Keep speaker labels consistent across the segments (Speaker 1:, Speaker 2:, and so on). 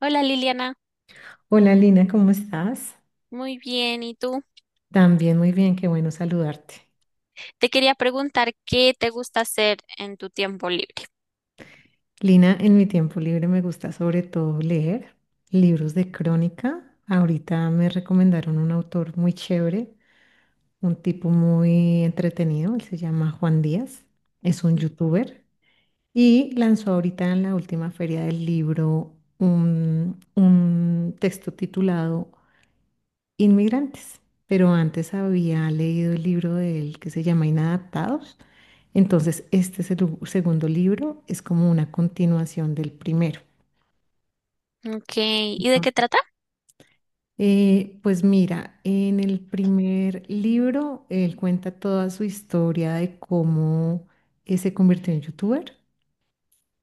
Speaker 1: Hola Liliana,
Speaker 2: Hola Lina, ¿cómo estás?
Speaker 1: muy bien. ¿Y tú?
Speaker 2: También muy bien, qué bueno saludarte.
Speaker 1: Te quería preguntar qué te gusta hacer en tu tiempo libre.
Speaker 2: Lina, en mi tiempo libre me gusta sobre todo leer libros de crónica. Ahorita me recomendaron un autor muy chévere, un tipo muy entretenido, él se llama Juan Díaz, es un
Speaker 1: Mm.
Speaker 2: youtuber y lanzó ahorita en la última feria del libro un texto titulado Inmigrantes, pero antes había leído el libro de él que se llama Inadaptados. Entonces, este es el segundo libro, es como una continuación del primero.
Speaker 1: Ok, ¿y de qué trata?
Speaker 2: Pues mira, en el primer libro él cuenta toda su historia de cómo se convirtió en youtuber,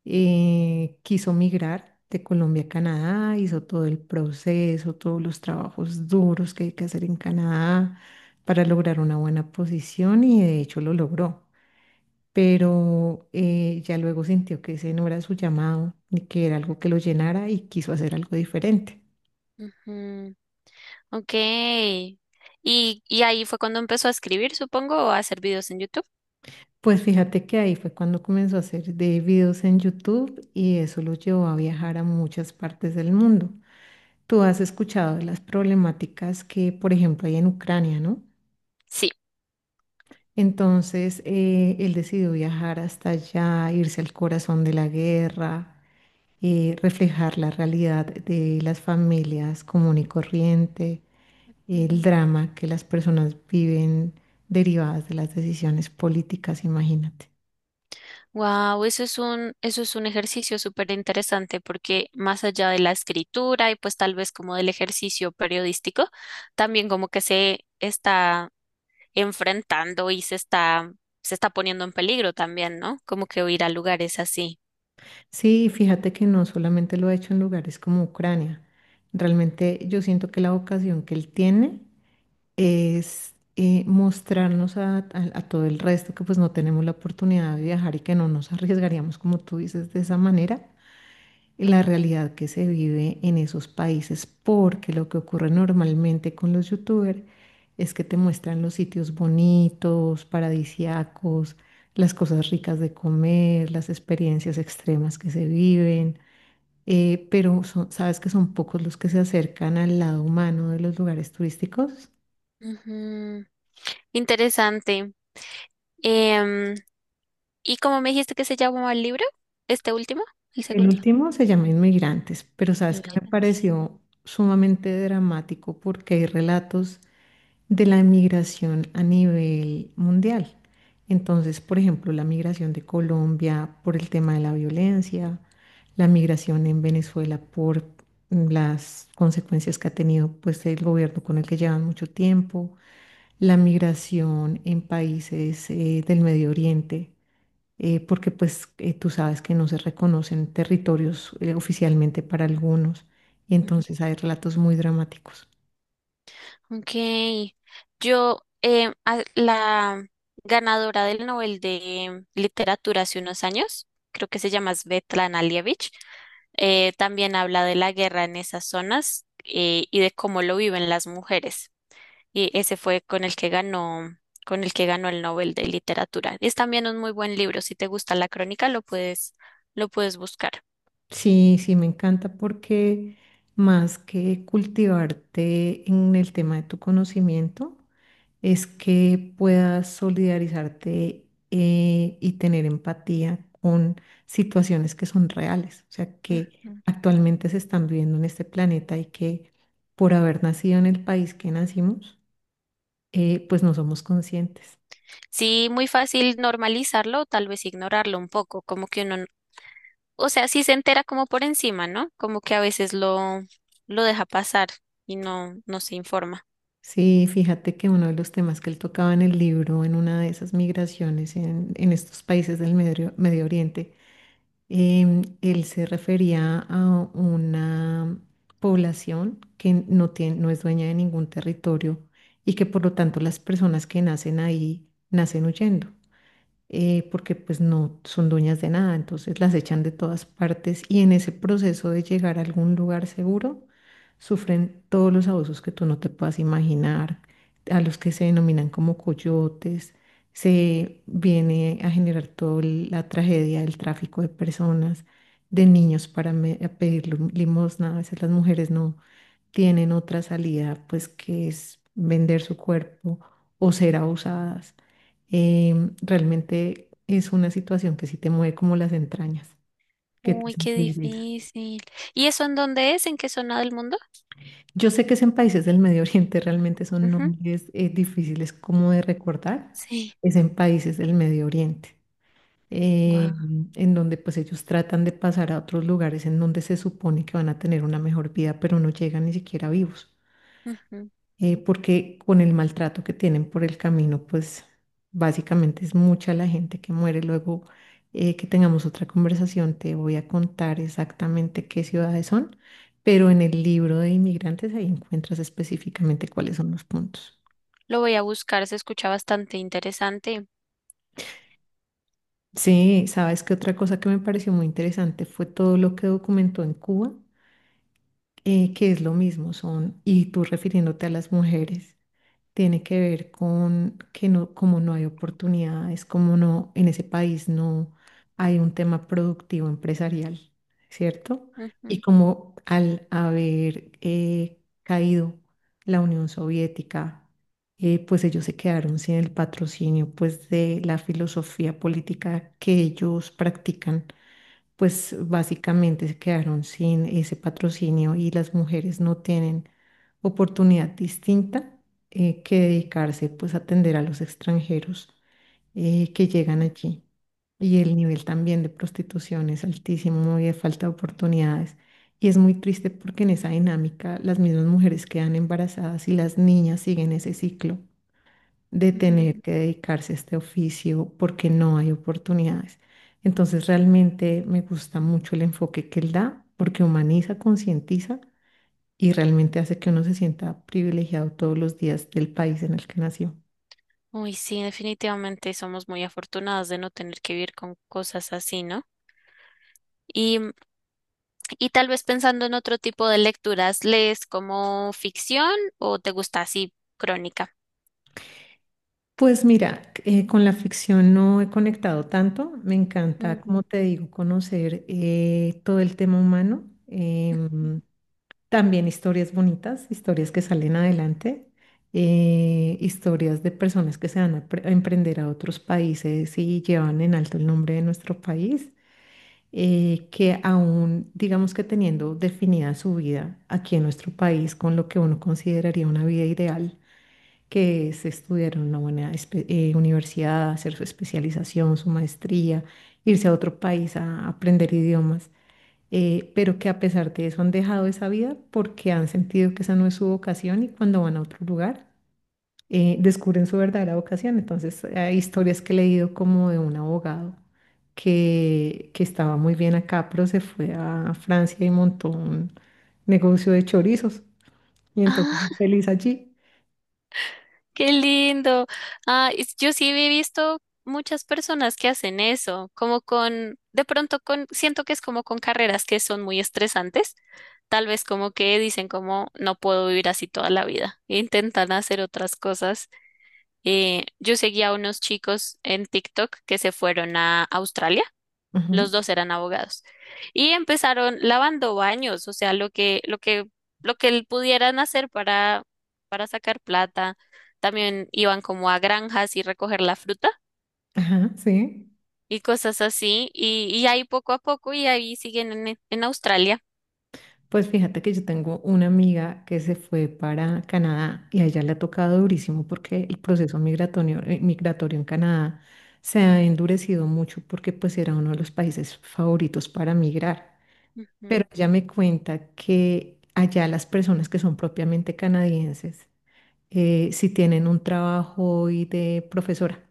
Speaker 2: quiso migrar de Colombia a Canadá, hizo todo el proceso, todos los trabajos duros que hay que hacer en Canadá para lograr una buena posición y de hecho lo logró. Pero ya luego sintió que ese no era su llamado ni que era algo que lo llenara y quiso hacer algo diferente.
Speaker 1: Ujú. Ok, y ahí fue cuando empezó a escribir, supongo, o a hacer videos en YouTube.
Speaker 2: Pues fíjate que ahí fue cuando comenzó a hacer de videos en YouTube y eso lo llevó a viajar a muchas partes del mundo. Tú has escuchado de las problemáticas que, por ejemplo, hay en Ucrania, ¿no?
Speaker 1: Sí.
Speaker 2: Entonces, él decidió viajar hasta allá, irse al corazón de la guerra, reflejar la realidad de las familias común y corriente, el drama que las personas viven derivadas de las decisiones políticas, imagínate.
Speaker 1: Wow, eso es un ejercicio súper interesante porque más allá de la escritura y pues tal vez como del ejercicio periodístico, también como que se está enfrentando y se está poniendo en peligro también, ¿no? Como que ir a lugares así.
Speaker 2: Sí, fíjate que no solamente lo ha hecho en lugares como Ucrania. Realmente yo siento que la vocación que él tiene es mostrarnos a todo el resto que pues no tenemos la oportunidad de viajar y que no nos arriesgaríamos, como tú dices, de esa manera la realidad que se vive en esos países, porque lo que ocurre normalmente con los youtubers es que te muestran los sitios bonitos, paradisiacos, las cosas ricas de comer, las experiencias extremas que se viven, pero sabes que son pocos los que se acercan al lado humano de los lugares turísticos.
Speaker 1: Ujú. Interesante. Em, ¿Y cómo me dijiste que se llamaba el libro? ¿Este último? ¿El
Speaker 2: El
Speaker 1: segundo?
Speaker 2: último se llama Inmigrantes, pero sabes que me
Speaker 1: Inmigrantes.
Speaker 2: pareció sumamente dramático porque hay relatos de la migración a nivel mundial. Entonces, por ejemplo, la migración de Colombia por el tema de la violencia, la migración en Venezuela por las consecuencias que ha tenido pues el gobierno con el que llevan mucho tiempo, la migración en países del Medio Oriente, porque pues tú sabes que no se reconocen territorios oficialmente para algunos, y entonces hay relatos muy dramáticos.
Speaker 1: Ok. Yo, la ganadora del Nobel de Literatura hace unos años, creo que se llama Svetlana Alievich, también habla de la guerra en esas zonas y de cómo lo viven las mujeres. Y ese fue con el que ganó, con el que ganó el Nobel de Literatura. Es también un muy buen libro. Si te gusta la crónica, lo puedes buscar.
Speaker 2: Sí, sí, me encanta porque más que cultivarte en el tema de tu conocimiento, es que puedas solidarizarte y tener empatía con situaciones que son reales, o sea, que
Speaker 1: Ujú.
Speaker 2: actualmente se están viviendo en este planeta y que por haber nacido en el país que nacimos, pues no somos conscientes.
Speaker 1: Sí, muy fácil normalizarlo, tal vez ignorarlo un poco, como que uno. O sea, sí se entera como por encima, ¿no? Como que a veces lo deja pasar y no se informa.
Speaker 2: Sí, fíjate que uno de los temas que él tocaba en el libro, en una de esas migraciones en estos países del Medio Oriente, él se refería a una población que no tiene, no es dueña de ningún territorio y que por lo tanto las personas que nacen ahí nacen huyendo porque pues no son dueñas de nada, entonces las echan de todas partes y en ese proceso de llegar a algún lugar seguro, sufren todos los abusos que tú no te puedas imaginar, a los que se denominan como coyotes, se viene a generar toda la tragedia del tráfico de personas, de niños para a pedir limosna, a veces las mujeres no tienen otra salida, pues que es vender su cuerpo o ser abusadas. Realmente es una situación que sí te mueve como las entrañas, que te
Speaker 1: Uy, qué
Speaker 2: sensibiliza.
Speaker 1: difícil. ¿Y eso en dónde es? ¿En qué zona del mundo?
Speaker 2: Yo sé que es en países del Medio Oriente, realmente son
Speaker 1: Ujú.
Speaker 2: nombres difíciles como de recordar,
Speaker 1: Sí.
Speaker 2: es en países del Medio Oriente,
Speaker 1: Guau.
Speaker 2: eh, en donde pues ellos tratan de pasar a otros lugares en donde se supone que van a tener una mejor vida, pero no llegan ni siquiera vivos.
Speaker 1: Ujú.
Speaker 2: Eh, porque con el maltrato que tienen por el camino, pues básicamente es mucha la gente que muere. Luego que tengamos otra conversación, te voy a contar exactamente qué ciudades son, pero en el libro de inmigrantes ahí encuentras específicamente cuáles son los puntos.
Speaker 1: Lo voy a buscar, se escucha bastante interesante.
Speaker 2: Sí, sabes que otra cosa que me pareció muy interesante fue todo lo que documentó en Cuba, que es lo mismo, son, y tú refiriéndote a las mujeres, tiene que ver con que no, como no hay oportunidades, como no, en ese país no hay un tema productivo empresarial, ¿cierto?
Speaker 1: Ujú,
Speaker 2: Y como al haber caído la Unión Soviética, pues ellos se quedaron sin el patrocinio, pues de la filosofía política que ellos practican, pues básicamente se quedaron sin ese patrocinio y las mujeres no tienen oportunidad distinta que dedicarse pues a atender a los extranjeros que llegan allí. Y el nivel también de prostitución es altísimo y de falta de oportunidades. Y es muy triste porque en esa dinámica las mismas mujeres quedan embarazadas y las niñas siguen ese ciclo de
Speaker 1: ujú.
Speaker 2: tener que dedicarse a este oficio porque no hay oportunidades. Entonces realmente me gusta mucho el enfoque que él da porque humaniza, concientiza y realmente hace que uno se sienta privilegiado todos los días del país en el que nació.
Speaker 1: Uy, sí, definitivamente somos muy afortunadas de no tener que vivir con cosas así, ¿no? Y, y tal vez pensando en otro tipo de lecturas, ¿lees como ficción o te gusta así crónica?
Speaker 2: Pues mira, con la ficción no he conectado tanto. Me encanta, como
Speaker 1: Ujú.
Speaker 2: te digo, conocer todo el tema humano. También historias bonitas, historias que salen adelante, historias de personas que se van a, a emprender a otros países y llevan en alto el nombre de nuestro país, que aún, digamos que teniendo definida su vida aquí en nuestro país con lo que uno consideraría una vida ideal, que es estudiar en una buena universidad, hacer su especialización, su maestría, irse a otro país a aprender idiomas, pero que a pesar de eso han dejado esa vida porque han sentido que esa no es su vocación y cuando van a otro lugar descubren su verdadera vocación. Entonces, hay historias que he leído como de un abogado que estaba muy bien acá, pero se fue a Francia y montó un negocio de chorizos y entonces
Speaker 1: Ah,
Speaker 2: feliz allí.
Speaker 1: qué lindo. Ah, yo sí he visto muchas personas que hacen eso, como con, de pronto con, siento que es como con carreras que son muy estresantes, tal vez como que dicen como no puedo vivir así toda la vida, e intentan hacer otras cosas. Yo seguía a unos chicos en TikTok que se fueron a Australia.
Speaker 2: Ajá,
Speaker 1: Los dos eran abogados. Y empezaron lavando baños, o sea, pudieran hacer para sacar plata. También iban como a granjas y recoger la fruta
Speaker 2: ajá, sí.
Speaker 1: y cosas así. Y ahí poco a poco y ahí siguen en Australia.
Speaker 2: Pues fíjate que yo tengo una amiga que se fue para Canadá y a ella le ha tocado durísimo porque el proceso migratorio en Canadá se ha endurecido mucho porque pues era uno de los países favoritos para migrar. Pero
Speaker 1: Ujú,
Speaker 2: ella me cuenta que allá las personas que son propiamente canadienses, si tienen un trabajo y de profesora,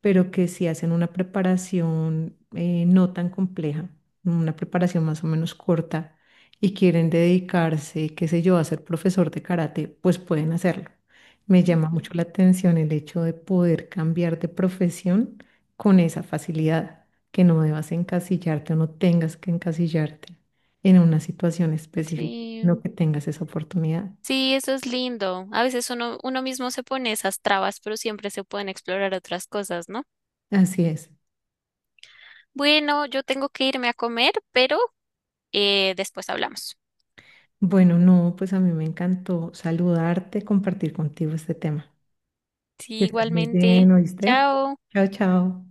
Speaker 2: pero que si hacen una preparación no tan compleja, una preparación más o menos corta y quieren dedicarse, qué sé yo, a ser profesor de karate, pues pueden hacerlo. Me llama mucho
Speaker 1: ujú.
Speaker 2: la atención el hecho de poder cambiar de profesión con esa facilidad, que no debas encasillarte o no tengas que encasillarte en una situación específica, no
Speaker 1: Sí,
Speaker 2: que tengas esa oportunidad.
Speaker 1: sí, eso es lindo. A veces uno mismo se pone esas trabas, pero siempre se pueden explorar otras cosas, ¿no?
Speaker 2: Así es.
Speaker 1: Bueno, yo tengo que irme a comer, pero después hablamos.
Speaker 2: Bueno, no, pues a mí me encantó saludarte, compartir contigo este tema. Que
Speaker 1: Sí,
Speaker 2: estés muy
Speaker 1: igualmente.
Speaker 2: bien, ¿oíste?
Speaker 1: Chao.
Speaker 2: Chao, chao.